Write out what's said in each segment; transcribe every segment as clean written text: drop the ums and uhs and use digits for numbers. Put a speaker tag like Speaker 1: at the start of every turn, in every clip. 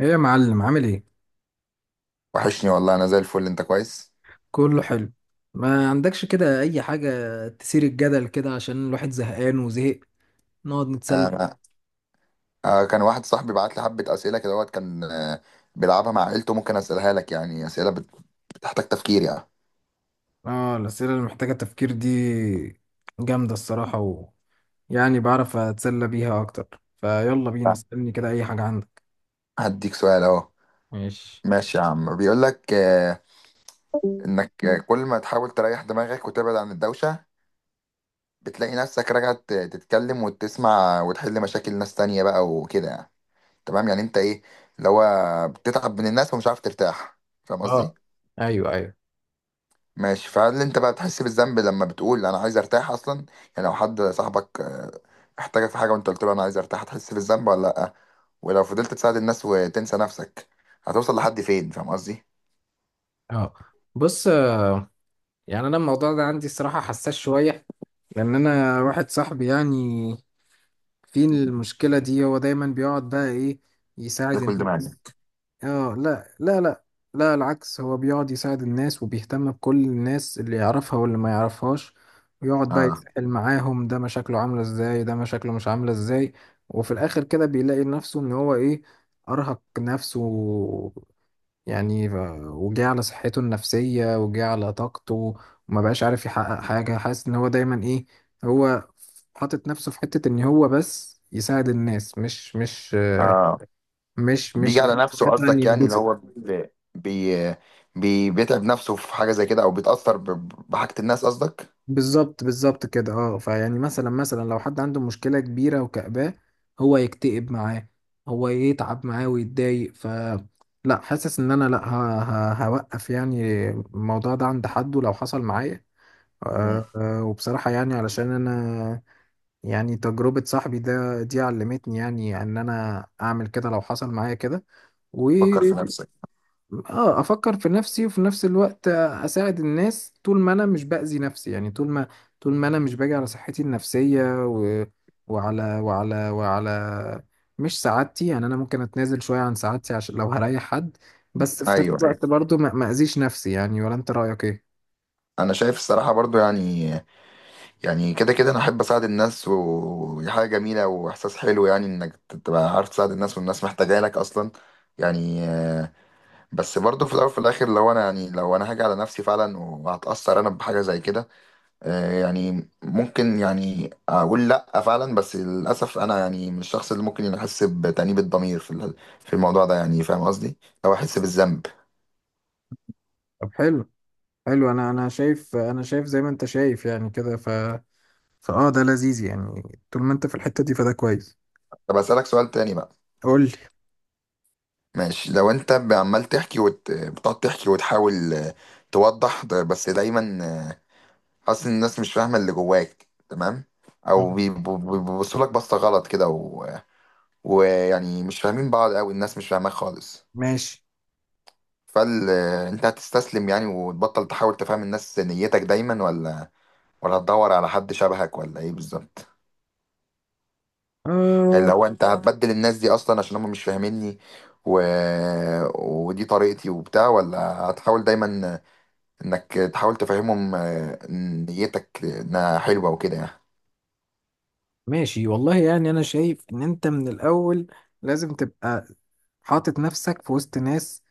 Speaker 1: ايه يا معلم، عامل ايه؟
Speaker 2: وحشني والله، انا زي الفل. انت كويس؟
Speaker 1: كله حلو. ما عندكش كده اي حاجة تثير الجدل كده، عشان الواحد زهقان وزهق نقعد نتسلى فيها؟
Speaker 2: آه، آه، كان واحد صاحبي بعت لي حبه اسئله كده وقت كان بيلعبها مع عيلته. ممكن اسالها لك، يعني اسئله بتحتاج تفكير يعني.
Speaker 1: اه، الأسئلة اللي محتاجة تفكير دي جامدة الصراحة، و يعني بعرف أتسلى بيها أكتر. فيلا بينا، اسألني كده أي حاجة عندك.
Speaker 2: هديك سؤال اهو.
Speaker 1: ماشي.
Speaker 2: ماشي يا عم، بيقول لك انك كل ما تحاول تريح دماغك وتبعد عن الدوشه، بتلاقي نفسك راجع تتكلم وتسمع وتحل مشاكل ناس تانية بقى وكده يعني. تمام، يعني انت ايه اللي هو بتتعب من الناس ومش عارف ترتاح؟ فاهم قصدي؟
Speaker 1: اه، ايوه ايوه.
Speaker 2: ماشي، فهل انت بقى بتحس بالذنب لما بتقول انا عايز ارتاح اصلا؟ يعني لو حد صاحبك احتاجك في حاجه وانت قلت له انا عايز ارتاح، هتحس بالذنب ولا لا؟ ولو فضلت تساعد الناس وتنسى نفسك، هتوصل لحد فين؟ فاهم قصدي؟
Speaker 1: اه. بص، يعني انا الموضوع ده عندي الصراحة حساس شوية، لان انا واحد صاحبي، يعني في المشكلة دي هو دايما بيقعد بقى ايه،
Speaker 2: ده
Speaker 1: يساعد
Speaker 2: كل دماغي.
Speaker 1: الناس. اه، لا لا لا. لا، العكس، هو بيقعد يساعد الناس وبيهتم بكل الناس اللي يعرفها واللي ما يعرفهاش، ويقعد بقى
Speaker 2: اه.
Speaker 1: يتسحل معاهم، ده مشاكله عاملة ازاي، ده مشاكله مش عاملة ازاي. وفي الآخر كده بيلاقي نفسه ان هو ايه، أرهق نفسه. يعني وجه على صحته النفسية، وجه على طاقته، وما بقاش عارف يحقق حاجة. حاسس ان هو دايما ايه، هو حاطط نفسه في حتة ان هو بس يساعد الناس، مش مش آه،
Speaker 2: اه،
Speaker 1: مش
Speaker 2: بيجي
Speaker 1: مش
Speaker 2: على نفسه
Speaker 1: مثلا
Speaker 2: قصدك؟ يعني اللي
Speaker 1: ينبسط.
Speaker 2: هو بيتعب نفسه في حاجه زي كده او بيتاثر بحاجه الناس قصدك؟
Speaker 1: بالظبط، بالظبط كده، اه. فيعني مثلا لو حد عنده مشكلة كبيرة وكأباه، هو يكتئب معاه، هو يتعب معاه ويتضايق، ف لا، حاسس ان انا لا هوقف يعني الموضوع ده عند حد، ولو حصل معايا
Speaker 2: مم.
Speaker 1: أه أه. وبصراحة يعني، علشان انا، يعني تجربة صاحبي ده دي علمتني، يعني ان انا اعمل كده لو حصل معايا كده.
Speaker 2: فكر في نفسك.
Speaker 1: اه، افكر في نفسي، وفي نفس الوقت اساعد الناس طول ما انا مش باذي نفسي، يعني طول ما طول ما انا مش باجي على صحتي النفسيه، و... وعلى وعلى وعلى مش سعادتي. يعني انا ممكن اتنازل شويه عن سعادتي عشان لو هريح حد، بس في نفس
Speaker 2: ايوه،
Speaker 1: الوقت برضو ما اذيش نفسي يعني. ولا انت رايك ايه؟
Speaker 2: انا شايف الصراحه برضو يعني، يعني كده كده انا احب اساعد الناس ودي حاجه جميله واحساس حلو، يعني انك تبقى عارف تساعد الناس والناس محتاجه لك اصلا يعني. بس برضو في الاول وفي الاخر لو انا، يعني لو انا هاجي على نفسي فعلا وهتاثر انا بحاجه زي كده، يعني ممكن يعني اقول لا فعلا. بس للاسف انا يعني من الشخص اللي ممكن يحس بتأنيب الضمير في في الموضوع ده يعني. فاهم قصدي؟ او احس بالذنب.
Speaker 1: طب حلو. حلو، انا شايف زي ما انت شايف يعني كده، ف فاه ده لذيذ يعني. طول ما انت في الحته دي فده كويس.
Speaker 2: طب اسالك سؤال تاني بقى.
Speaker 1: قول لي.
Speaker 2: ماشي، لو انت عمال تحكي بتقعد تحكي وتحاول توضح بس دايما آه، حاسس ان الناس مش فاهمه اللي جواك تمام، او بيبصوا بيبصوا لك بصه غلط كده و... ويعني مش فاهمين بعض، او الناس مش فاهماك خالص.
Speaker 1: ماشي.
Speaker 2: فال انت هتستسلم يعني وتبطل تحاول تفهم الناس نيتك دايما، ولا هتدور على حد شبهك، ولا ايه بالظبط؟ يعني لو انت هتبدل الناس دي اصلا عشان هم مش فاهميني و... ودي طريقتي وبتاع، ولا هتحاول دايما انك تحاول تفهمهم إن نيتك انها حلوه وكده يعني.
Speaker 1: ماشي والله، يعني انا شايف ان انت من الاول لازم تبقى حاطط نفسك في وسط ناس،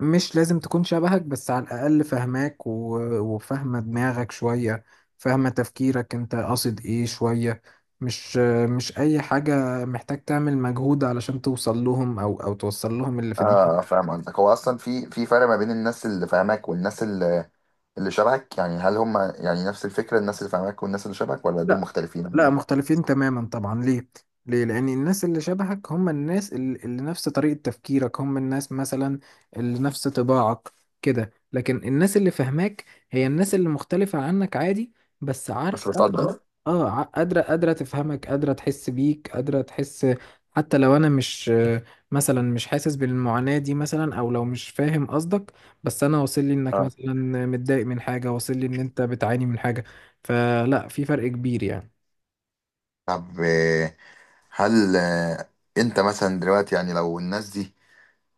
Speaker 1: مش لازم تكون شبهك، بس على الاقل فاهماك وفاهمه دماغك شويه، فاهمه تفكيرك انت قاصد ايه شويه. مش مش اي حاجه محتاج تعمل مجهود علشان توصل لهم، او توصل لهم اللي في
Speaker 2: اه،
Speaker 1: دماغك.
Speaker 2: فاهم قصدك. هو اصلا في فرق ما بين الناس اللي فاهماك والناس اللي شبهك؟ يعني هل هم يعني نفس الفكره الناس اللي فاهماك والنس اللي شبهك، ولا دول
Speaker 1: لا،
Speaker 2: مختلفين عن
Speaker 1: لا،
Speaker 2: دول؟
Speaker 1: مختلفين تماما طبعا. ليه؟ ليه؟ لأن الناس اللي شبهك هم الناس اللي نفس طريقة تفكيرك، هم الناس مثلا اللي نفس طباعك كده. لكن الناس اللي فاهماك هي الناس اللي مختلفة عنك عادي، بس
Speaker 2: بس
Speaker 1: عارفة.
Speaker 2: بتقدر.
Speaker 1: اه، قادرة تفهمك، قادرة تحس بيك، قادرة تحس، حتى لو أنا مش، مثلا مش حاسس بالمعاناة دي مثلا، أو لو مش فاهم قصدك، بس أنا واصل لي إنك
Speaker 2: اه.
Speaker 1: مثلا متضايق من حاجة، واصل لي إن أنت بتعاني من حاجة، فلا، في فرق كبير يعني.
Speaker 2: طب هل انت مثلا دلوقتي يعني لو الناس دي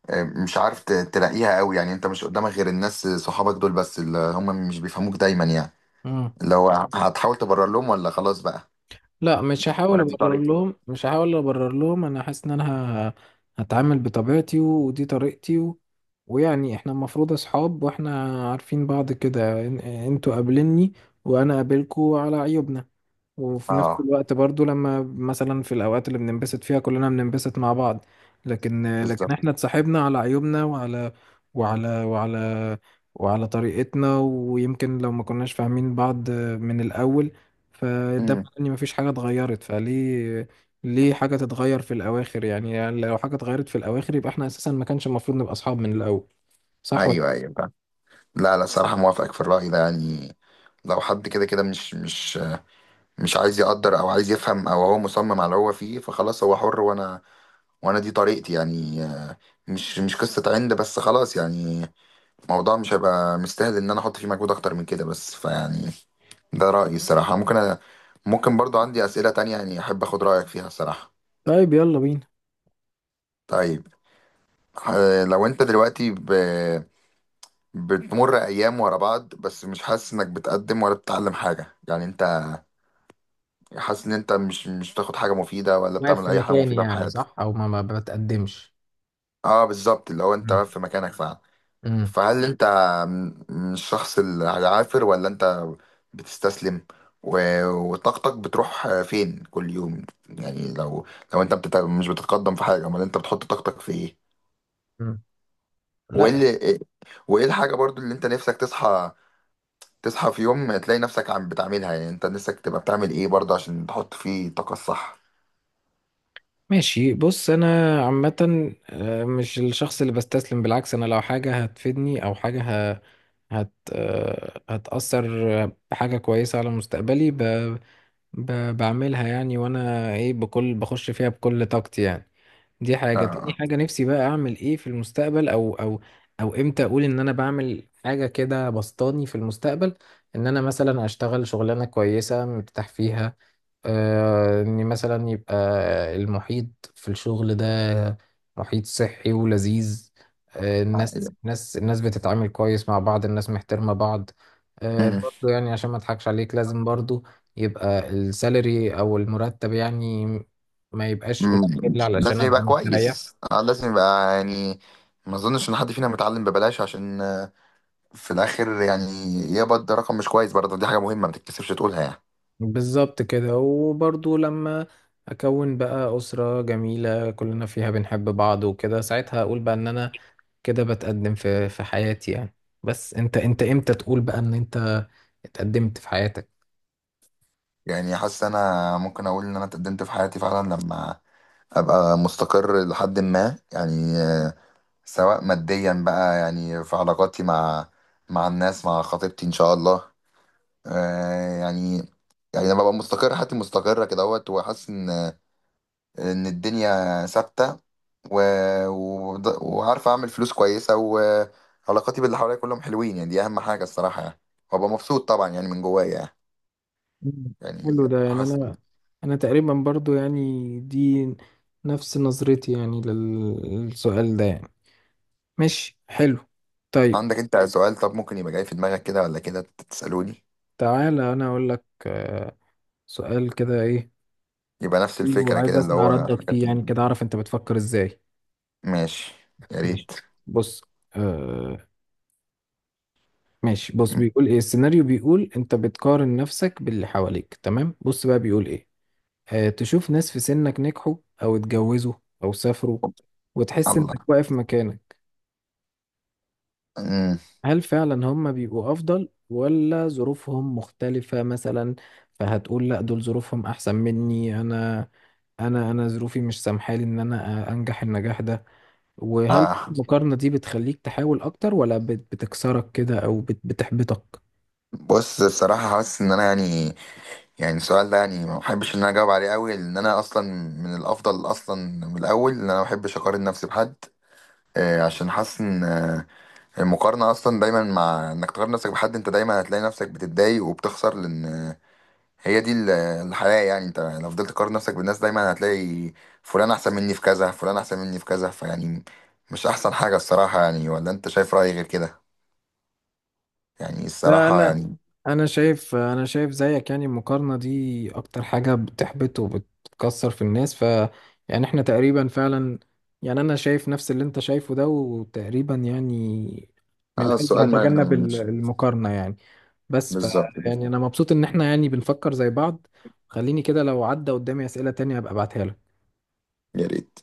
Speaker 2: مش عارف تلاقيها قوي، يعني انت مش قدامك غير الناس صحابك دول بس اللي هم مش بيفهموك دايما يعني،
Speaker 1: مم.
Speaker 2: اللي هو هتحاول تبرر لهم ولا خلاص بقى؟
Speaker 1: لا، مش هحاول
Speaker 2: ولا دي
Speaker 1: ابرر
Speaker 2: طريقة.
Speaker 1: لهم مش هحاول ابرر لهم انا حاسس ان انا ه- هتعامل بطبيعتي، ودي طريقتي، ويعني احنا المفروض اصحاب، واحنا عارفين بعض كده. انتوا قابلني، وانا قابلكوا على عيوبنا. وفي نفس
Speaker 2: اه
Speaker 1: الوقت برضو، لما مثلا في الأوقات اللي بننبسط فيها، كلنا بننبسط مع بعض. لكن
Speaker 2: بالظبط.
Speaker 1: احنا اتصاحبنا على عيوبنا، وعلى وعلى وعلى طريقتنا. ويمكن لو ما كناش فاهمين بعض من الأول، فده
Speaker 2: امم.
Speaker 1: معناه ان مفيش حاجة اتغيرت. فليه، ليه حاجة تتغير في الأواخر يعني؟ يعني لو حاجة اتغيرت في الأواخر، يبقى احنا أساسا ما كانش المفروض نبقى أصحاب من الأول. صح
Speaker 2: ايوه
Speaker 1: ولا؟
Speaker 2: ايوه فاهم. لا لا، صراحه موافقك في الراي ده يعني. لو حد كده كده مش مش عايز يقدر او عايز يفهم، او هو مصمم على اللي هو فيه، فخلاص هو حر وانا، وانا دي طريقتي يعني. مش قصه عند بس خلاص يعني. الموضوع مش هيبقى مستاهل ان انا احط فيه مجهود اكتر من كده. بس فيعني ده رايي الصراحه. ممكن ممكن برضو عندي اسئله تانية يعني احب اخد رايك فيها الصراحه.
Speaker 1: طيب يلا بينا.
Speaker 2: طيب لو انت دلوقتي بتمر ايام ورا بعض بس مش حاسس انك بتقدم ولا بتتعلم حاجه، يعني انت حاسس ان انت مش بتاخد حاجه مفيده ولا
Speaker 1: واقف
Speaker 2: بتعمل
Speaker 1: في
Speaker 2: اي حاجه
Speaker 1: مكاني
Speaker 2: مفيده في
Speaker 1: يعني،
Speaker 2: حياتك.
Speaker 1: صح، أو ما بتقدمش.
Speaker 2: اه بالظبط، اللي هو انت
Speaker 1: مم.
Speaker 2: واقف في مكانك فعلا.
Speaker 1: مم.
Speaker 2: فهل انت مش الشخص العافر، ولا انت بتستسلم، و- وطاقتك بتروح فين كل يوم؟ يعني لو لو انت مش بتتقدم في حاجه، امال انت بتحط طاقتك في ايه؟
Speaker 1: مم.
Speaker 2: وايه
Speaker 1: لا.
Speaker 2: اللي... وايه الحاجه برضو اللي انت نفسك تصحى تصحى في يوم تلاقي نفسك عم بتعملها؟ يعني انت نفسك تبقى بتعمل ايه برضه عشان تحط فيه الطاقة الصح؟
Speaker 1: ماشي، بص، انا عامة آه، مش الشخص اللي بستسلم، بالعكس، انا لو حاجة هتفيدني او حاجة ه... هت... آه، هتأثر بحاجة كويسة على مستقبلي، بعملها يعني. وانا ايه، بخش فيها بكل طاقتي يعني. دي حاجة. تاني
Speaker 2: آه.
Speaker 1: حاجة، نفسي بقى اعمل ايه في المستقبل، او امتى اقول ان انا بعمل حاجة كده بسطاني في المستقبل، ان انا مثلا اشتغل شغلانة كويسة مرتاح فيها. آه، ان مثلا يبقى المحيط في الشغل ده محيط صحي ولذيذ. آه، الناس
Speaker 2: آه.
Speaker 1: الناس الناس بتتعامل كويس مع بعض، الناس محترمة بعض. آه،
Speaker 2: مم.
Speaker 1: برضو يعني عشان ما اضحكش عليك، لازم برضو يبقى السالري او المرتب، يعني ما يبقاش
Speaker 2: مم.
Speaker 1: قليل علشان
Speaker 2: لازم يبقى
Speaker 1: ابقى مستريح.
Speaker 2: كويس. لازم يبقى يعني، ما اظنش ان حد فينا متعلم ببلاش عشان في الاخر يعني يقبض رقم مش كويس. برضه دي حاجة مهمة ما تكتسبش تقولها يعني.
Speaker 1: بالظبط كده. وبرضو لما اكون بقى اسرة جميلة كلنا فيها بنحب بعض وكده، ساعتها اقول بقى ان انا كده بتقدم في حياتي يعني. بس انت امتى تقول بقى ان انت اتقدمت في حياتك؟
Speaker 2: يعني حاسس انا ممكن اقول ان انا اتقدمت في حياتي فعلا لما ابقى مستقر لحد ما، يعني سواء ماديا بقى، يعني في علاقاتي مع مع الناس، مع خطيبتي ان شاء الله. آه يعني، يعني لما ببقى مستقر حياتي مستقرة كده اهوت، وحاسس ان ان الدنيا ثابتة و... وعارف اعمل فلوس كويسة، وعلاقاتي باللي حواليا كلهم حلوين، يعني دي اهم حاجة الصراحة يعني. وابقى مبسوط طبعا يعني من جوايا.
Speaker 1: مم.
Speaker 2: يعني
Speaker 1: حلو.
Speaker 2: يعني
Speaker 1: ده يعني
Speaker 2: حاسس.
Speaker 1: انا تقريبا برضو يعني، دي نفس نظرتي يعني للسؤال ده يعني. ماشي، حلو. طيب،
Speaker 2: عندك انت سؤال؟ طب ممكن يبقى جاي في دماغك كده ولا كده تسألوني.
Speaker 1: تعالى انا اقول لك آه، سؤال كده ايه.
Speaker 2: يبقى نفس
Speaker 1: حلو،
Speaker 2: الفكرة
Speaker 1: عايز
Speaker 2: كده اللي
Speaker 1: اسمع
Speaker 2: هو
Speaker 1: ردك
Speaker 2: حاجات.
Speaker 1: فيه، يعني كده اعرف انت بتفكر ازاي.
Speaker 2: ماشي، يا ريت.
Speaker 1: ماشي، بص. آه. ماشي، بص،
Speaker 2: م-
Speaker 1: بيقول ايه السيناريو، بيقول انت بتقارن نفسك باللي حواليك، تمام، بص بقى بيقول ايه: آه، تشوف ناس في سنك نجحوا، او اتجوزوا، او سافروا، وتحس
Speaker 2: الله.
Speaker 1: انك واقف مكانك.
Speaker 2: أمم.
Speaker 1: هل فعلا هم بيبقوا افضل، ولا ظروفهم مختلفة مثلا؟ فهتقول لا، دول ظروفهم احسن مني، انا انا ظروفي مش سامحالي ان انا انجح النجاح ده. وهل
Speaker 2: آه.
Speaker 1: المقارنة دي بتخليك تحاول اكتر، ولا بتكسرك كده، او بتحبطك؟
Speaker 2: بص، الصراحة حاسس ان انا يعني، يعني السؤال ده يعني ما بحبش ان انا اجاوب عليه قوي، لان انا اصلا من الافضل اصلا من الاول ان انا ما بحبش اقارن نفسي بحد. عشان حاسس ان المقارنه اصلا دايما، مع انك تقارن نفسك بحد، انت دايما هتلاقي نفسك بتتضايق وبتخسر. لان هي دي الحياه يعني. انت لو فضلت تقارن نفسك بالناس دايما هتلاقي فلان احسن مني في كذا، فلان احسن مني في كذا، فيعني مش احسن حاجه الصراحه يعني. ولا انت شايف رايي غير كده؟ يعني
Speaker 1: لا،
Speaker 2: الصراحه
Speaker 1: انا
Speaker 2: يعني.
Speaker 1: انا شايف انا شايف زيك يعني، المقارنه دي اكتر حاجه بتحبط وبتكسر في الناس. ف يعني احنا تقريبا فعلا، يعني انا شايف نفس اللي انت شايفه ده، وتقريبا يعني من
Speaker 2: اه،
Speaker 1: الاجل
Speaker 2: السؤال ما
Speaker 1: هتجنب
Speaker 2: مش،
Speaker 1: المقارنه يعني. بس ف،
Speaker 2: بالظبط كده.
Speaker 1: يعني انا مبسوط ان احنا يعني بنفكر زي بعض. خليني كده، لو عدى قدامي اسئله تانية ابقى ابعتها لك.
Speaker 2: يا ريت